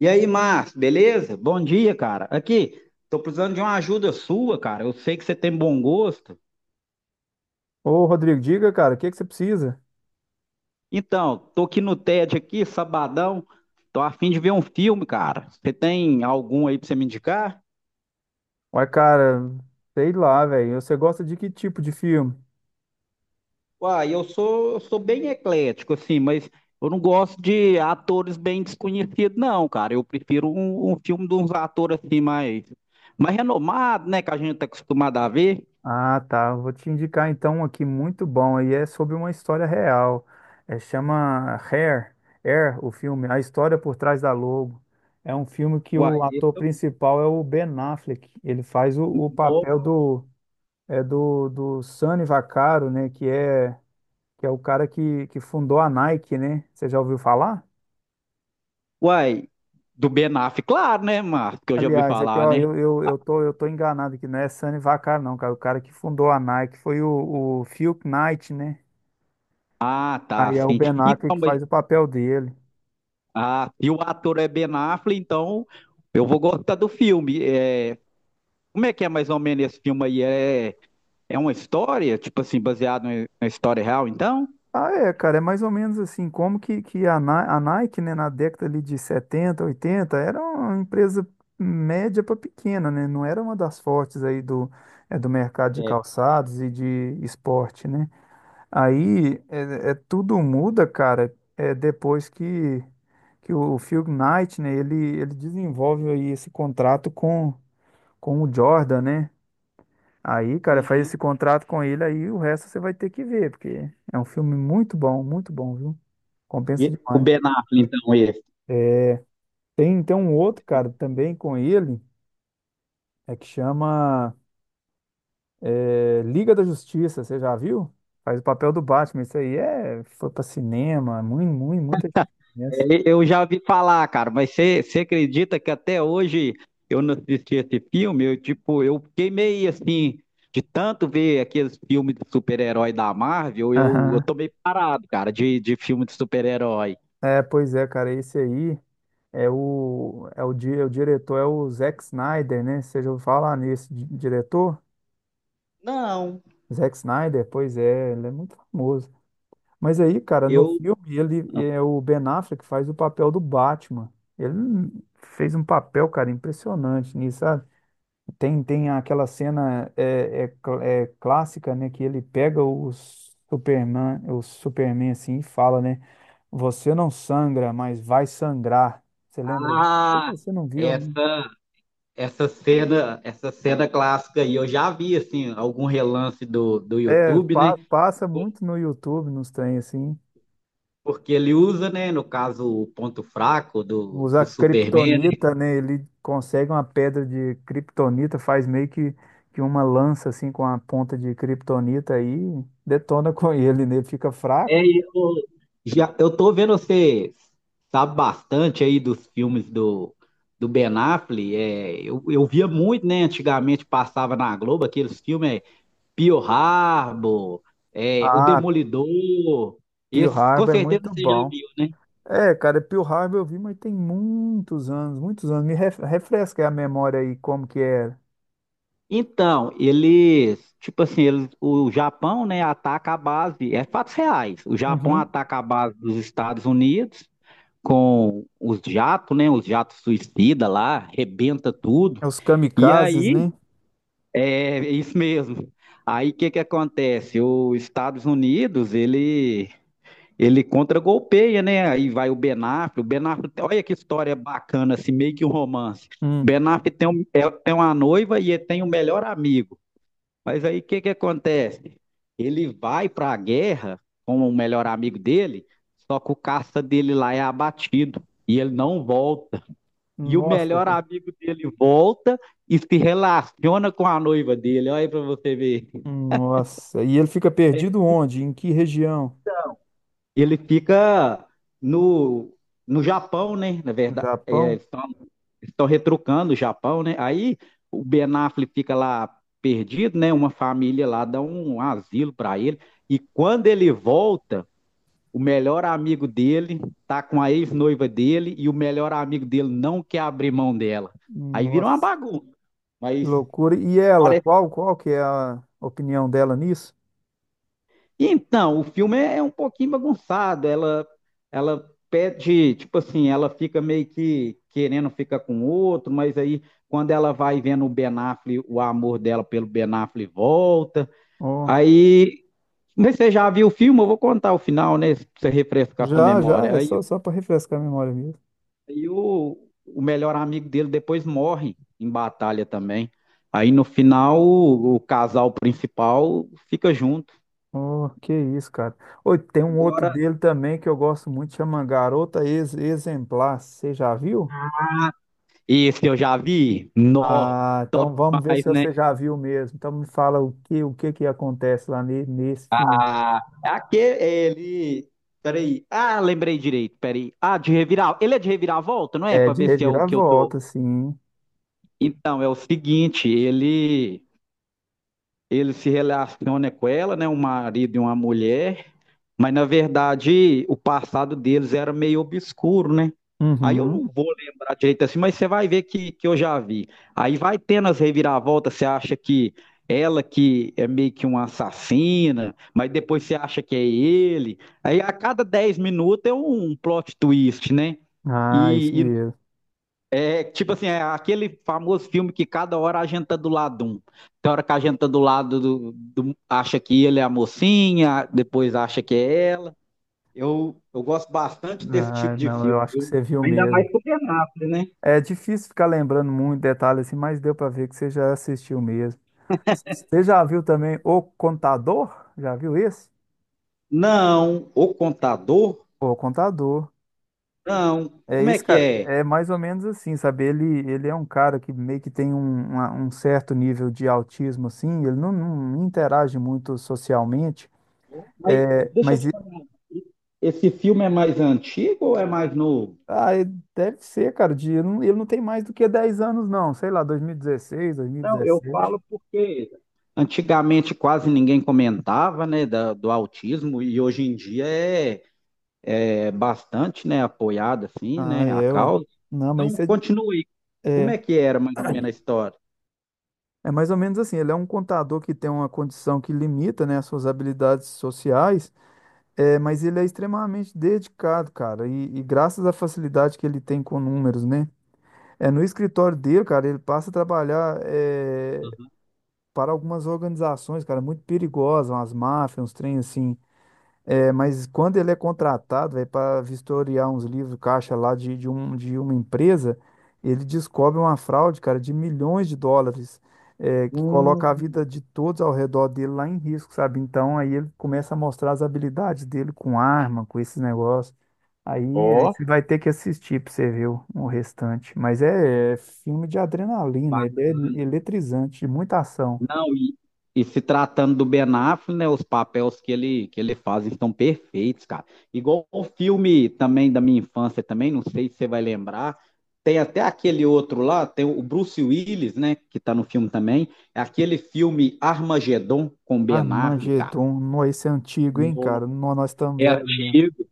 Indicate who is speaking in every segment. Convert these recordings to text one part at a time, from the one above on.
Speaker 1: E aí, Márcio, beleza? Bom dia, cara. Aqui, tô precisando de uma ajuda sua, cara. Eu sei que você tem bom gosto.
Speaker 2: Ô, Rodrigo, diga, cara, o que que você precisa?
Speaker 1: Então, tô aqui no TED aqui, sabadão. Tô a fim de ver um filme, cara. Você tem algum aí pra você me indicar?
Speaker 2: Ué, cara, sei lá, velho. Você gosta de que tipo de filme?
Speaker 1: Uai, eu sou bem eclético, assim, mas eu não gosto de atores bem desconhecidos, não, cara. Eu prefiro um filme de uns atores assim mais renomados, né? Que a gente tá acostumado a ver.
Speaker 2: Ah, tá. Eu vou te indicar então um aqui muito bom. E é sobre uma história real. É, chama Hair, Air, o filme, A História por Trás da Logo. É um filme que
Speaker 1: Uai,
Speaker 2: o ator principal é o Ben Affleck. Ele faz o papel do Sonny Vaccaro, né? Que é o cara que fundou a Nike, né? Você já ouviu falar?
Speaker 1: Uai, do Ben Affleck, claro, né, Márcio? Que eu já ouvi
Speaker 2: Aliás, aqui,
Speaker 1: falar,
Speaker 2: ó,
Speaker 1: né?
Speaker 2: eu tô enganado aqui, não é Sani Vaccaro, não, cara. O cara que fundou a Nike foi o Phil Knight, né?
Speaker 1: Ah, tá,
Speaker 2: Aí é o
Speaker 1: sim.
Speaker 2: Ben Affleck
Speaker 1: Então,
Speaker 2: que
Speaker 1: mas
Speaker 2: faz o papel dele.
Speaker 1: se o ator é Ben Affleck, então eu vou gostar do filme. É, como é que é mais ou menos esse filme aí? É uma história, tipo assim, baseado na história real, então?
Speaker 2: Ah, é, cara, é mais ou menos assim, como que a Nike, né, na década ali de 70, 80, era uma empresa média para pequena, né? Não era uma das fortes aí do mercado de
Speaker 1: É.
Speaker 2: calçados e de esporte, né? Aí tudo muda, cara, depois que o Phil Knight, né, ele desenvolve aí esse contrato com o Jordan, né? Aí, cara, faz esse
Speaker 1: Uhum.
Speaker 2: contrato com ele, aí o resto você vai ter que ver, porque é um filme muito bom, viu?
Speaker 1: E
Speaker 2: Compensa
Speaker 1: o
Speaker 2: demais.
Speaker 1: Ben Affleck, então, esse.
Speaker 2: Tem, então um outro, cara, também com ele, é que chama Liga da Justiça, você já viu? Faz o papel do Batman, isso aí foi pra cinema, muito, muito, muita gente conhece.
Speaker 1: É, eu já ouvi falar, cara, mas você acredita que até hoje eu não assisti esse filme? Eu, tipo, eu fiquei meio assim, de tanto ver aqueles filmes de super-herói da Marvel, eu
Speaker 2: Aham.
Speaker 1: tô meio parado, cara, de filme de super-herói.
Speaker 2: É, pois é, cara, esse aí. É o diretor, é o Zack Snyder, né? Você já ouviu falar nesse diretor?
Speaker 1: Não.
Speaker 2: Zack Snyder, pois é, ele é muito famoso. Mas aí, cara, no
Speaker 1: Eu.
Speaker 2: filme, ele é o Ben Affleck faz o papel do Batman. Ele fez um papel, cara, impressionante nisso, sabe? Tem aquela cena é clássica, né? Que ele pega o Superman assim e fala, né? Você não sangra, mas vai sangrar. Você lembra disso?
Speaker 1: Ah,
Speaker 2: Você não viu, né?
Speaker 1: essa, essa cena clássica aí, eu já vi, assim, algum relance do
Speaker 2: É,
Speaker 1: YouTube, né?
Speaker 2: passa muito no YouTube, nos trem assim.
Speaker 1: Porque ele usa, né, no caso, o ponto fraco do,
Speaker 2: Usar
Speaker 1: do Superman.
Speaker 2: criptonita, né? Ele consegue uma pedra de criptonita, faz meio que uma lança assim com a ponta de criptonita aí, detona com ele, né? Ele fica fraco.
Speaker 1: É, e eu, já, eu tô vendo você sabe bastante aí dos filmes do Ben Affleck. É, eu via muito, né? Antigamente passava na Globo aqueles filmes Pearl Harbor, O
Speaker 2: Ah,
Speaker 1: Demolidor.
Speaker 2: Pearl
Speaker 1: Esses com
Speaker 2: Harbor é
Speaker 1: certeza
Speaker 2: muito
Speaker 1: você já
Speaker 2: bom.
Speaker 1: viu, né?
Speaker 2: É, cara, Pearl Harbor eu vi, mas tem muitos anos, muitos anos. Me refresca a memória aí como que era.
Speaker 1: Então, eles, tipo assim, eles, o Japão, né, ataca a base, é fatos reais. O Japão
Speaker 2: Uhum.
Speaker 1: ataca a base dos Estados Unidos com os jatos, né? Os jatos suicida lá, arrebenta tudo.
Speaker 2: É Os
Speaker 1: E
Speaker 2: kamikazes,
Speaker 1: aí,
Speaker 2: né?
Speaker 1: é isso mesmo. Aí o que que acontece? Os Estados Unidos, ele contra-golpeia, né? Aí vai o Ben Affleck, olha que história bacana, assim, meio que um romance. O Ben
Speaker 2: Hum.
Speaker 1: Affleck tem uma noiva e ele tem um melhor amigo. Mas aí o que que acontece? Ele vai para a guerra com o melhor amigo dele, só que o caça dele lá é abatido e ele não volta. E o
Speaker 2: Nossa,
Speaker 1: melhor
Speaker 2: cara.
Speaker 1: amigo dele volta e se relaciona com a noiva dele. Olha aí para você ver.
Speaker 2: Nossa, e ele fica perdido onde? Em que região?
Speaker 1: Ele fica no, no Japão, né? Na
Speaker 2: No
Speaker 1: verdade,
Speaker 2: Japão?
Speaker 1: estão retrucando o Japão, né? Aí o Ben Affleck fica lá perdido, né? Uma família lá dá um asilo para ele. E quando ele volta, o melhor amigo dele tá com a ex-noiva dele e o melhor amigo dele não quer abrir mão dela. Aí vira uma
Speaker 2: Nossa,
Speaker 1: bagunça.
Speaker 2: que
Speaker 1: Mas
Speaker 2: loucura. E ela,
Speaker 1: parece
Speaker 2: qual que é a opinião dela nisso?
Speaker 1: Então, o filme é um pouquinho bagunçado. Ela pede, tipo assim, ela fica meio que querendo ficar com outro, mas aí quando ela vai vendo o Ben Affleck, o amor dela pelo Ben Affleck volta.
Speaker 2: Oh,
Speaker 1: Aí, mas você já viu o filme? Eu vou contar o final, né? Pra você refrescar sua
Speaker 2: já, já,
Speaker 1: memória.
Speaker 2: é
Speaker 1: Aí,
Speaker 2: só para refrescar a memória mesmo.
Speaker 1: aí o melhor amigo dele depois morre em batalha também. Aí no final, o casal principal fica junto.
Speaker 2: Oh, que isso, cara. Oi, tem um outro dele também que eu gosto muito, chama Garota Exemplar. Você já viu?
Speaker 1: Esse eu já vi. No,
Speaker 2: Ah,
Speaker 1: top
Speaker 2: então vamos ver se
Speaker 1: demais, né?
Speaker 2: você já viu mesmo. Então me fala o que que acontece lá nesse filme.
Speaker 1: Ah, é aquele, ele. Peraí. Ah, lembrei direito, peraí. Ah, de revirar. Ele é de reviravolta, não é?
Speaker 2: É
Speaker 1: Pra
Speaker 2: de
Speaker 1: ver se é o que eu tô.
Speaker 2: reviravolta, sim.
Speaker 1: Então, é o seguinte, ele. Ele se relaciona com ela, né? Um marido e uma mulher. Mas na verdade, o passado deles era meio obscuro, né? Aí eu
Speaker 2: Uhum.
Speaker 1: não vou lembrar direito assim, mas você vai ver que eu já vi. Aí vai tendo as reviravoltas, você acha que ela que é meio que uma assassina, mas depois você acha que é ele. Aí a cada 10 minutos é um plot twist, né?
Speaker 2: Ah, isso
Speaker 1: E
Speaker 2: mesmo.
Speaker 1: é tipo assim, é aquele famoso filme que cada hora a gente tá do lado de um. Tem hora que a gente tá do lado do, do- acha que ele é a mocinha, depois acha que é ela. Eu gosto bastante desse tipo
Speaker 2: Ah,
Speaker 1: de
Speaker 2: não, eu
Speaker 1: filme.
Speaker 2: acho que você viu
Speaker 1: Ainda
Speaker 2: mesmo.
Speaker 1: mais Supernatural, né?
Speaker 2: É difícil ficar lembrando muito detalhe assim, mas deu pra ver que você já assistiu mesmo. Você já viu também O Contador? Já viu esse?
Speaker 1: Não, O Contador?
Speaker 2: O Contador.
Speaker 1: Não.
Speaker 2: É
Speaker 1: Como é
Speaker 2: esse
Speaker 1: que
Speaker 2: cara,
Speaker 1: é?
Speaker 2: é mais ou menos assim, sabe? Ele é um cara que meio que tem um certo nível de autismo, assim, ele não interage muito socialmente,
Speaker 1: Mas deixa eu
Speaker 2: mas
Speaker 1: te
Speaker 2: e-
Speaker 1: falar. Esse filme é mais antigo ou é mais novo?
Speaker 2: ah, e deve ser, cara, ele não tem mais do que 10 anos, não, sei lá, 2016,
Speaker 1: Não, eu
Speaker 2: 2017.
Speaker 1: falo porque antigamente quase ninguém comentava, né, da- do autismo e hoje em dia é bastante, né, apoiado assim,
Speaker 2: Ah,
Speaker 1: né, a
Speaker 2: é. Ué.
Speaker 1: causa.
Speaker 2: Não, mas
Speaker 1: Então,
Speaker 2: isso
Speaker 1: continue. Como
Speaker 2: é,
Speaker 1: é que era mais ou menos a história?
Speaker 2: é mais ou menos assim. Ele é um contador que tem uma condição que limita, né, as suas habilidades sociais, mas ele é extremamente dedicado, cara. E graças à facilidade que ele tem com números, né? É, no escritório dele, cara, ele passa a trabalhar para algumas organizações, cara, muito perigosas, umas máfias, uns trem assim. É, mas quando ele é contratado, velho, para vistoriar uns livros caixa lá de uma empresa, ele descobre uma fraude, cara, de milhões de dólares, que
Speaker 1: Uhum.
Speaker 2: coloca a vida de todos ao redor dele lá em risco, sabe? Então aí ele começa a mostrar as habilidades dele com arma, com esses negócios. Aí
Speaker 1: Ó.
Speaker 2: você vai ter que assistir pra você ver o restante. Mas é filme de adrenalina, ele é
Speaker 1: Bacana.
Speaker 2: eletrizante, de muita ação.
Speaker 1: Não, e se tratando do Ben Affleck, né, os papéis que ele faz estão perfeitos, cara. Igual o filme também da minha infância também, não sei se você vai lembrar, tem até aquele outro lá, tem o Bruce Willis, né, que tá no filme também, é aquele filme Armagedon com
Speaker 2: Ah,
Speaker 1: Ben Affleck, cara.
Speaker 2: Armagedon, nó, esse é antigo, hein,
Speaker 1: No-
Speaker 2: cara? Nó, nós estamos
Speaker 1: É
Speaker 2: velhos mesmo.
Speaker 1: antigo.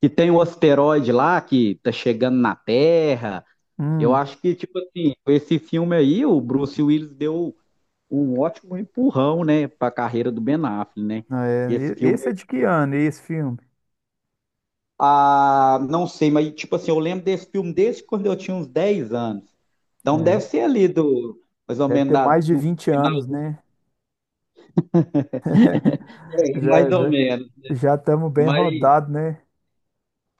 Speaker 1: Que tem o asteroide lá que tá chegando na Terra. Eu
Speaker 2: Hum,
Speaker 1: acho que, tipo assim, com esse filme aí, o Bruce Willis deu um ótimo empurrão, né, para a carreira do Ben Affleck, né? Esse
Speaker 2: é, e-
Speaker 1: filme,
Speaker 2: esse é de que ano, esse filme?
Speaker 1: ah, não sei, mas tipo assim, eu lembro desse filme desde quando eu tinha uns 10 anos. Então deve
Speaker 2: Né?
Speaker 1: ser ali do mais ou
Speaker 2: Deve
Speaker 1: menos
Speaker 2: ter
Speaker 1: da-
Speaker 2: mais de
Speaker 1: no
Speaker 2: 20
Speaker 1: final,
Speaker 2: anos, né?
Speaker 1: é, mais
Speaker 2: Já,
Speaker 1: ou
Speaker 2: já,
Speaker 1: menos.
Speaker 2: já estamos bem
Speaker 1: Mas,
Speaker 2: rodados, né?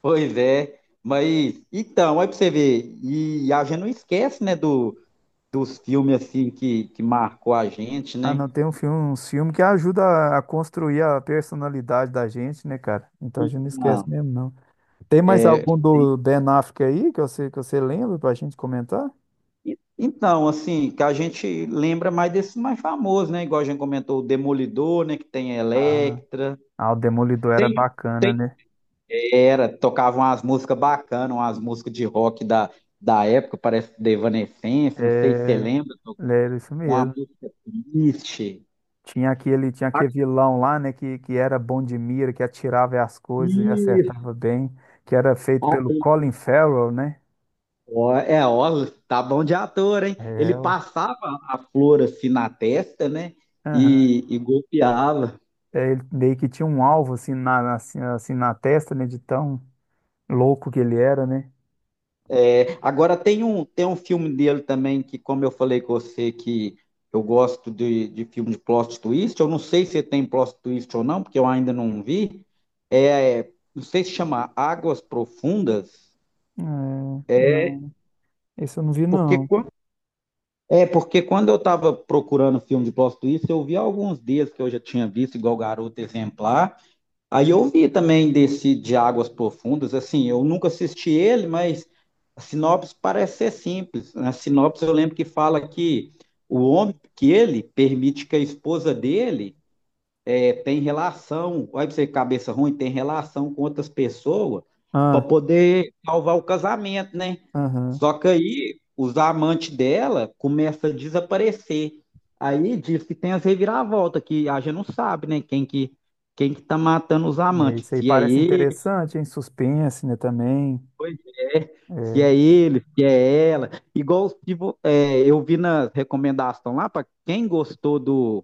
Speaker 1: pois é, mas então, aí pra você ver, e a gente não esquece, né, do, dos filmes assim que marcou a gente,
Speaker 2: Ah,
Speaker 1: né?
Speaker 2: não, tem um filme, uns filmes que ajuda a construir a personalidade da gente, né, cara? Então a gente não
Speaker 1: Ah,
Speaker 2: esquece mesmo, não. Tem mais
Speaker 1: é,
Speaker 2: algum do Ben Affleck aí que você lembra pra gente comentar?
Speaker 1: E- então, assim, que a gente lembra mais desses mais famosos, né? Igual a gente comentou, o Demolidor, né? Que tem
Speaker 2: Ah,
Speaker 1: Electra.
Speaker 2: ah, o Demolidor era
Speaker 1: Tem,
Speaker 2: bacana,
Speaker 1: tem
Speaker 2: né?
Speaker 1: era, tocavam umas músicas bacanas, umas músicas de rock da, da época, parece The Evanescence, não sei se você
Speaker 2: É,
Speaker 1: lembra,
Speaker 2: é isso
Speaker 1: uma
Speaker 2: mesmo.
Speaker 1: música triste.
Speaker 2: Tinha aquele vilão lá, né, que era bom de mira, que atirava as coisas e
Speaker 1: Isso.
Speaker 2: acertava bem, que era feito
Speaker 1: Ah,
Speaker 2: pelo Colin Farrell, né?
Speaker 1: ó, é, ó, tá bom de ator, hein? Ele
Speaker 2: É, o-
Speaker 1: passava a flor assim na testa, né?
Speaker 2: aham.
Speaker 1: E golpeava.
Speaker 2: Ele meio que tinha um alvo assim assim na testa, né, de tão louco que ele era, né?
Speaker 1: É, agora tem um filme dele também que, como eu falei com você, que eu gosto de filme de plot twist. Eu não sei se tem plot twist ou não, porque eu ainda não vi. É, não sei se chama Águas Profundas.
Speaker 2: É,
Speaker 1: É
Speaker 2: não, esse eu não vi
Speaker 1: porque,
Speaker 2: não.
Speaker 1: quan- é porque quando eu estava procurando filme de plot twist, eu vi alguns dias que eu já tinha visto, igual Garoto Exemplar. Aí eu vi também desse de Águas Profundas, assim, eu nunca assisti ele, mas a sinopse parece ser simples. Na sinopse eu lembro que fala que o homem que ele permite que a esposa dele é, tem relação, olha pra você cabeça ruim, tem relação com outras pessoas para
Speaker 2: Ah,
Speaker 1: poder salvar o casamento, né?
Speaker 2: aham.
Speaker 1: Só que aí os amantes dela começam a desaparecer. Aí diz que tem as reviravoltas, que a gente não sabe, né? Quem que tá matando os
Speaker 2: É,
Speaker 1: amantes,
Speaker 2: isso aí
Speaker 1: se é
Speaker 2: parece
Speaker 1: ele,
Speaker 2: interessante, hein? Suspense, né, também.
Speaker 1: é- se
Speaker 2: É,
Speaker 1: é ele, se é ela. Igual se vo- é, eu vi na recomendação lá, para quem gostou do,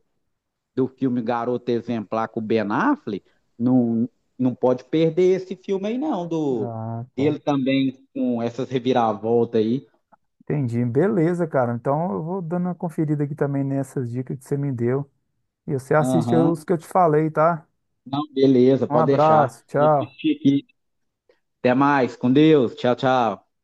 Speaker 1: filme Garota Exemplar com o Ben Affleck, não, não pode perder esse filme aí, não, do
Speaker 2: ah, tá.
Speaker 1: dele também com essas reviravoltas aí.
Speaker 2: Entendi. Beleza, cara. Então eu vou dando uma conferida aqui também nessas dicas que você me deu. E você assiste
Speaker 1: Aham.
Speaker 2: os que eu te falei, tá?
Speaker 1: Não, beleza,
Speaker 2: Um
Speaker 1: pode deixar.
Speaker 2: abraço,
Speaker 1: Vou
Speaker 2: tchau.
Speaker 1: assistir aqui. Até mais, com Deus. Tchau, tchau.